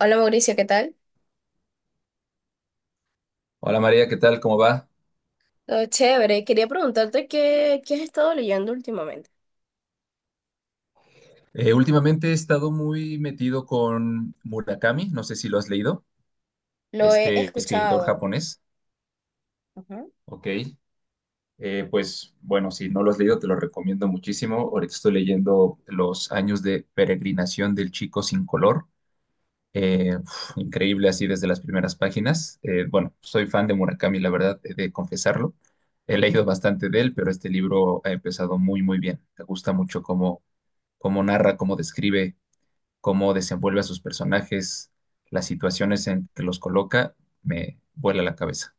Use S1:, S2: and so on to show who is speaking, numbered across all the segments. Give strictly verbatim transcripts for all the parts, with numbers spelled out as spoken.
S1: Hola Mauricio, ¿qué tal?
S2: Hola María, ¿qué tal? ¿Cómo va?
S1: Todo chévere. Quería preguntarte qué, qué has estado leyendo últimamente.
S2: Eh, últimamente he estado muy metido con Murakami, no sé si lo has leído,
S1: Lo he
S2: este escritor
S1: escuchado.
S2: japonés.
S1: Ujú.
S2: Ok. Eh, pues bueno, si no lo has leído te lo recomiendo muchísimo. Ahorita estoy leyendo Los años de peregrinación del chico sin color. Eh, uf, increíble así desde las primeras páginas. Eh, bueno, soy fan de Murakami, la verdad, he de confesarlo. He leído bastante de él, pero este libro ha empezado muy, muy bien. Me gusta mucho cómo, cómo narra, cómo describe, cómo desenvuelve a sus personajes, las situaciones en que los coloca, me vuela la cabeza.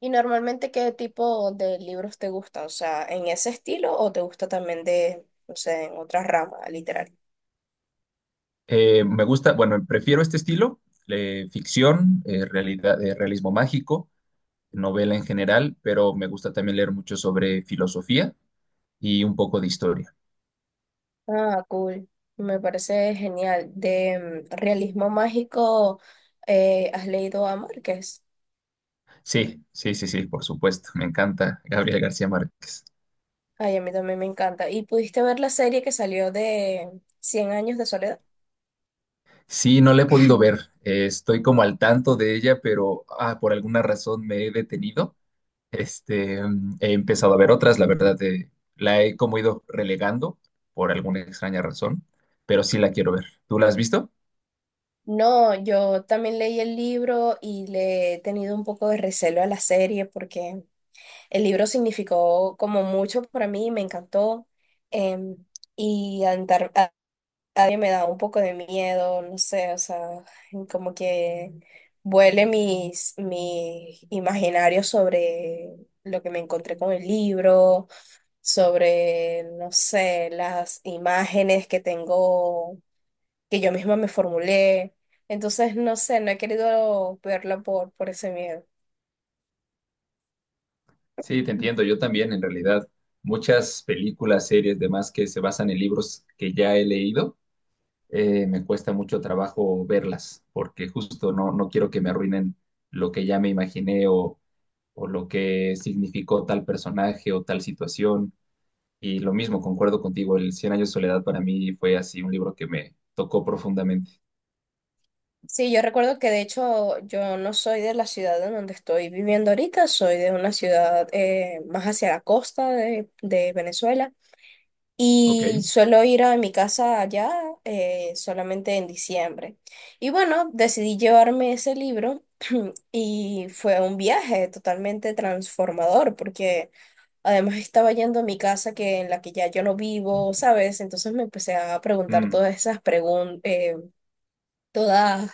S1: ¿Y normalmente qué tipo de libros te gusta? O sea, ¿en ese estilo o te gusta también de, no sé, en otra rama literaria?
S2: Eh, me gusta, bueno, prefiero este estilo, eh, ficción, eh, realidad, eh, realismo mágico, novela en general, pero me gusta también leer mucho sobre filosofía y un poco de historia.
S1: Ah, cool. Me parece genial. De mm, realismo mágico, eh, ¿has leído a Márquez?
S2: Sí, sí, sí, sí, por supuesto, me encanta Gabriel García Márquez.
S1: Ay, a mí también me encanta. ¿Y pudiste ver la serie que salió de Cien años de soledad?
S2: Sí, no la he podido ver, eh, estoy como al tanto de ella, pero ah, por alguna razón me he detenido. Este, mm, he empezado a ver otras, la verdad, eh, la he como ido relegando por alguna extraña razón, pero sí la quiero ver. ¿Tú la has visto?
S1: No, yo también leí el libro y le he tenido un poco de recelo a la serie porque el libro significó como mucho para mí, me encantó em, y andar, a- a- me da un poco de miedo, no sé, o sea, como que vuele mis, mis imaginarios sobre lo que me encontré con el libro, sobre, no sé, las imágenes que tengo que yo misma me formulé. Entonces, no sé, no he querido verla por, por ese miedo.
S2: Sí, te entiendo, yo también, en realidad. Muchas películas, series, demás que se basan en libros que ya he leído, eh, me cuesta mucho trabajo verlas, porque justo no, no quiero que me arruinen lo que ya me imaginé o, o lo que significó tal personaje o tal situación. Y lo mismo, concuerdo contigo, el Cien años de soledad para mí fue así un libro que me tocó profundamente.
S1: Sí, yo recuerdo que de hecho yo no soy de la ciudad en donde estoy viviendo ahorita, soy de una ciudad eh, más hacia la costa de, de Venezuela
S2: Ok.
S1: y suelo ir a mi casa allá eh, solamente en diciembre. Y bueno, decidí llevarme ese libro y fue un viaje totalmente transformador porque además estaba yendo a mi casa que en la que ya yo no vivo, ¿sabes? Entonces me empecé a preguntar
S2: mm,
S1: todas esas preguntas, todas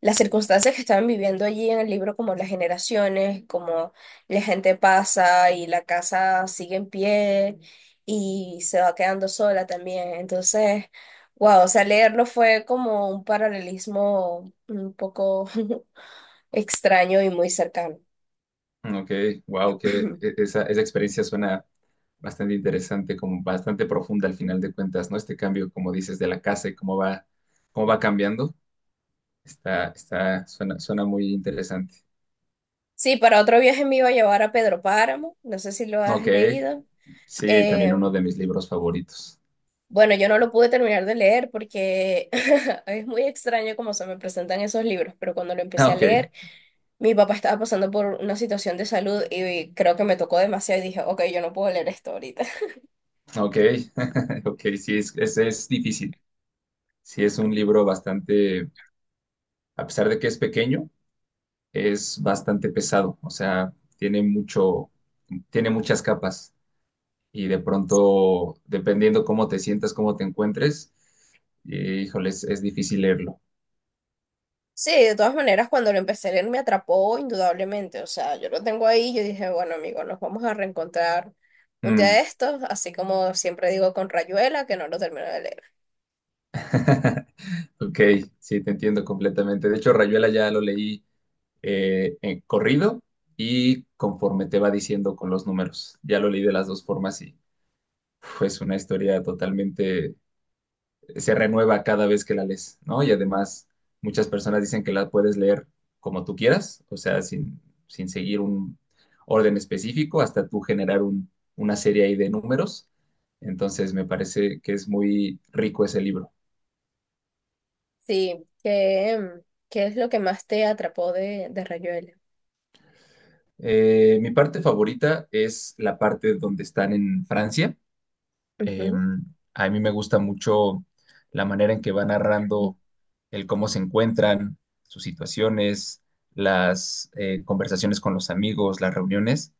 S1: las circunstancias que estaban viviendo allí en el libro, como las generaciones, como la gente pasa y la casa sigue en pie y se va quedando sola también. Entonces, wow, o sea, leerlo fue como un paralelismo un poco extraño y muy cercano.
S2: mm, ok, wow, que e- esa, esa experiencia suena bastante interesante, como bastante profunda al final de cuentas, ¿no? Este cambio, como dices, de la casa y cómo va, cómo va cambiando, está, está, suena, suena muy interesante.
S1: Sí, para otro viaje me iba a llevar a Pedro Páramo, no sé si lo has
S2: Ok,
S1: leído.
S2: sí, también
S1: Eh,
S2: uno de mis libros favoritos.
S1: bueno, yo no lo pude terminar de leer porque es muy extraño cómo se me presentan esos libros, pero cuando lo
S2: Ah,
S1: empecé a
S2: ok,
S1: leer, mi papá estaba pasando por una situación de salud y creo que me tocó demasiado y dije, ok, yo no puedo leer esto ahorita.
S2: ok, ok, sí, es, es, es difícil. Sí, es un libro bastante, a pesar de que es pequeño, es bastante pesado, o sea, tiene mucho, tiene muchas capas y de pronto, dependiendo cómo te sientas, cómo te encuentres, eh, híjole, es, es difícil leerlo.
S1: Sí, de todas maneras, cuando lo empecé a leer me atrapó indudablemente, o sea, yo lo tengo ahí, yo dije, bueno, amigo, nos vamos a reencontrar un día de
S2: Mm.
S1: estos, así como siempre digo con Rayuela, que no lo termino de leer.
S2: Ok, sí, te entiendo completamente. De hecho, Rayuela ya lo leí, eh, en corrido y conforme te va diciendo con los números. Ya lo leí de las dos formas y uf, es una historia totalmente, se renueva cada vez que la lees, ¿no? Y además, muchas personas dicen que la puedes leer como tú quieras, o sea, sin, sin seguir un orden específico, hasta tú generar un- una serie ahí de números. Entonces, me parece que es muy rico ese libro.
S1: Sí, ¿qué, em, qué es lo que más te atrapó de, de Rayuela?
S2: Eh, mi parte favorita es la parte donde están en Francia. Eh, a mí me gusta mucho la manera en que va
S1: Ujú.
S2: narrando el cómo se encuentran, sus situaciones, las eh, conversaciones con los amigos, las reuniones.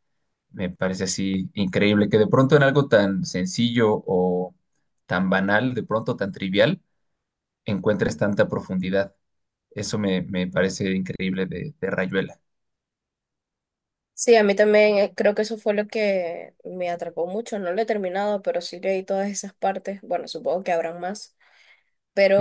S2: Me parece así increíble que de pronto en algo tan sencillo o tan banal, de pronto tan trivial, encuentres tanta profundidad. Eso me, me parece increíble de, de Rayuela.
S1: Sí, a mí también eh, creo que eso fue lo que me atrapó mucho. No lo he terminado, pero sí leí todas esas partes. Bueno, supongo que habrán más,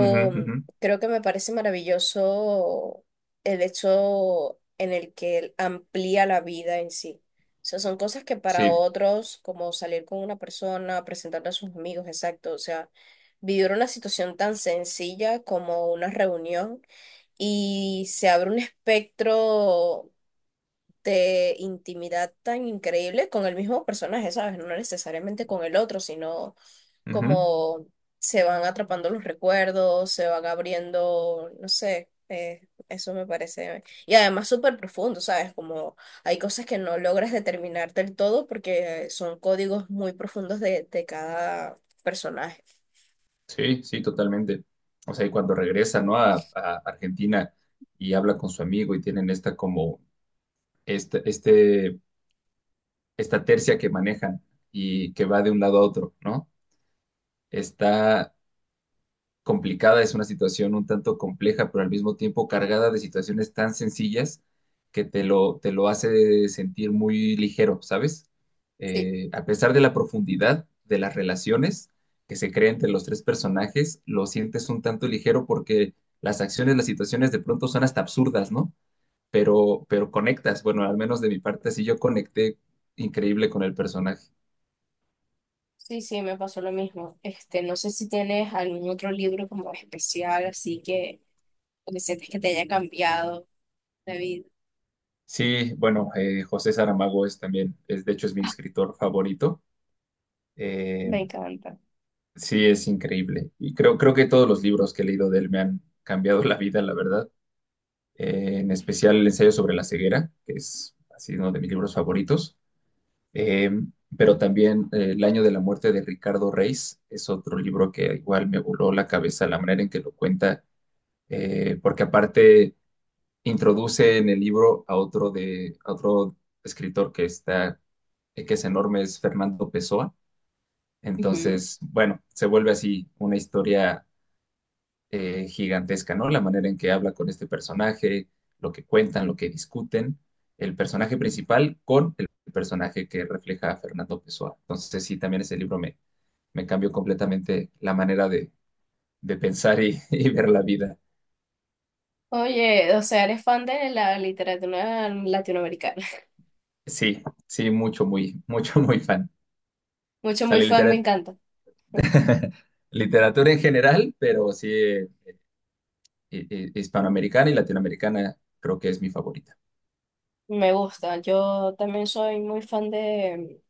S2: Ujú,
S1: mm,
S2: ujú.
S1: creo que me parece maravilloso el hecho en el que él amplía la vida en sí. O sea, son cosas que para
S2: Sí.
S1: otros, como salir con una persona, presentarle a sus amigos, exacto, o sea, vivir una situación tan sencilla como una reunión y se abre un espectro de intimidad tan increíble con el mismo personaje, ¿sabes? No necesariamente con el otro, sino
S2: Ujú.
S1: como se van atrapando los recuerdos, se van abriendo, no sé, eh, eso me parece. Y además súper profundo, ¿sabes? Como hay cosas que no logras determinar del todo porque son códigos muy profundos de, de cada personaje.
S2: Sí, sí, totalmente. O sea, y cuando regresa, ¿no? A, a Argentina y habla con su amigo y tienen esta como, este, este, esta tercia que manejan y que va de un lado a otro, ¿no? Está complicada, es una situación un tanto compleja, pero al mismo tiempo cargada de situaciones tan sencillas que te lo, te lo hace sentir muy ligero, ¿sabes?
S1: Sí.
S2: Eh, a pesar de la profundidad de las relaciones que se crean entre los tres personajes, lo sientes un tanto ligero porque las acciones, las situaciones de pronto son hasta absurdas, ¿no? Pero, pero conectas, bueno, al menos de mi parte, sí yo conecté increíble con el personaje.
S1: Sí, sí, me pasó lo mismo. Este, no sé si tienes algún otro libro como especial, así que, o que sientes que te haya cambiado la vida.
S2: Sí, bueno, eh, José Saramago es también, es, de hecho es mi escritor favorito. Eh,
S1: Me encanta.
S2: sí, es increíble. Y creo, creo que todos los libros que he leído de él me han cambiado la vida, la verdad. Eh, en especial el ensayo sobre la ceguera, que es así uno de mis libros favoritos. Eh, pero también eh, El año de la muerte de Ricardo Reis es otro libro que igual me voló la cabeza la manera en que lo cuenta, eh, porque aparte introduce en el libro a otro, de, a otro escritor que está, eh, que es enorme, es Fernando Pessoa.
S1: Ujú.
S2: Entonces, bueno, se vuelve así una historia eh, gigantesca, ¿no? La manera en que habla con este personaje, lo que cuentan, lo que discuten, el personaje principal con el personaje que refleja a Fernando Pessoa. Entonces, sí, también ese libro me, me cambió completamente la manera de, de pensar y, y ver la vida.
S1: Oye, o sea, eres fan de la literatura latinoamericana.
S2: Sí, sí, mucho, muy, mucho, muy fan.
S1: Mucho, muy
S2: Sale
S1: fan, me
S2: litera-
S1: encanta.
S2: literatura en general, pero sí, eh, hi- hi- hispanoamericana y latinoamericana creo que es mi favorita.
S1: Me gusta. Yo también soy muy fan de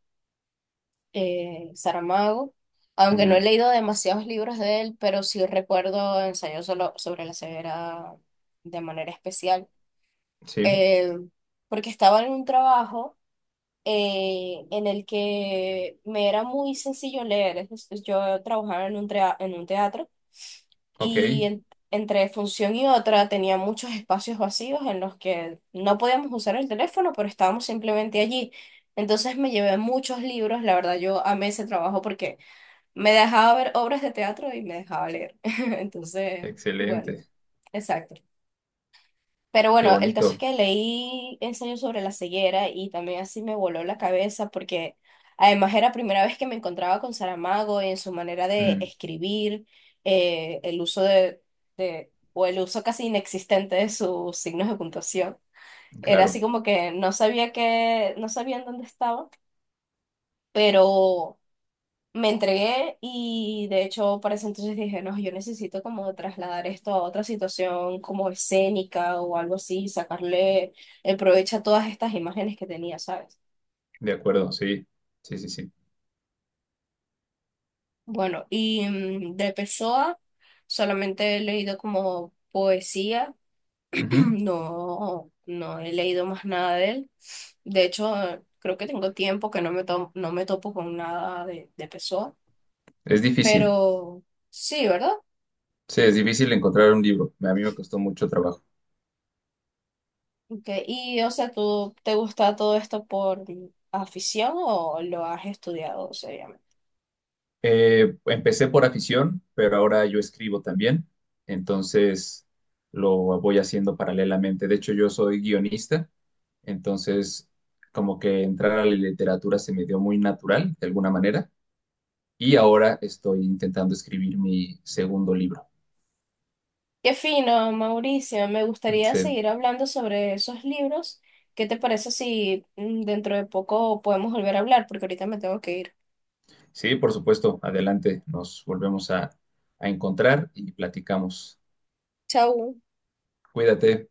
S1: eh, Saramago, aunque no he
S2: Ujú,
S1: leído demasiados libros de él, pero sí recuerdo Ensayo solo sobre la ceguera de manera especial.
S2: sí,
S1: Eh, porque estaba en un trabajo eh, en el que me era muy sencillo leer. Es decir, yo trabajaba en un, trea- en un teatro,
S2: ok,
S1: y en- entre función y otra tenía muchos espacios vacíos en los que no podíamos usar el teléfono, pero estábamos simplemente allí. Entonces me llevé muchos libros, la verdad yo amé ese trabajo porque me dejaba ver obras de teatro y me dejaba leer. Entonces, bueno,
S2: excelente,
S1: exacto. Pero
S2: qué
S1: bueno, el caso es
S2: bonito.
S1: que leí ensayo sobre la ceguera y también así me voló la cabeza porque además era primera vez que me encontraba con Saramago en su manera de
S2: Mm,
S1: escribir, eh, el uso de, de- o el uso casi inexistente de sus signos de puntuación. Era
S2: claro,
S1: así como que no sabía que, no sabía en dónde estaba, pero me entregué y de hecho para ese entonces dije, no, yo necesito como trasladar esto a otra situación como escénica o algo así, sacarle el provecho a todas estas imágenes que tenía, ¿sabes?
S2: de acuerdo, sí, sí, sí, sí.
S1: Bueno, y mm, de Pessoa solamente he leído como poesía,
S2: Ujú.
S1: no, no he leído más nada de él. De hecho, creo que tengo tiempo que no me, to- no me topo con nada de, de Pessoa,
S2: Es difícil,
S1: pero sí, ¿verdad?
S2: sí, es difícil encontrar un libro. A mí me costó mucho trabajo.
S1: Okay. Y, o sea, ¿tú te gusta todo esto por afición o lo has estudiado seriamente?
S2: Eh, empecé por afición, pero ahora yo escribo también, entonces lo voy haciendo paralelamente. De hecho, yo soy guionista, entonces como que entrar a la literatura se me dio muy natural, de alguna manera, y ahora estoy intentando escribir mi segundo libro.
S1: Qué fino, Mauricio. Me gustaría
S2: Sí.
S1: seguir hablando sobre esos libros. ¿Qué te parece si mm, dentro de poco podemos volver a hablar? Porque ahorita me tengo que ir.
S2: Sí, por supuesto. Adelante. Nos volvemos a, a encontrar y platicamos.
S1: Chau.
S2: Cuídate.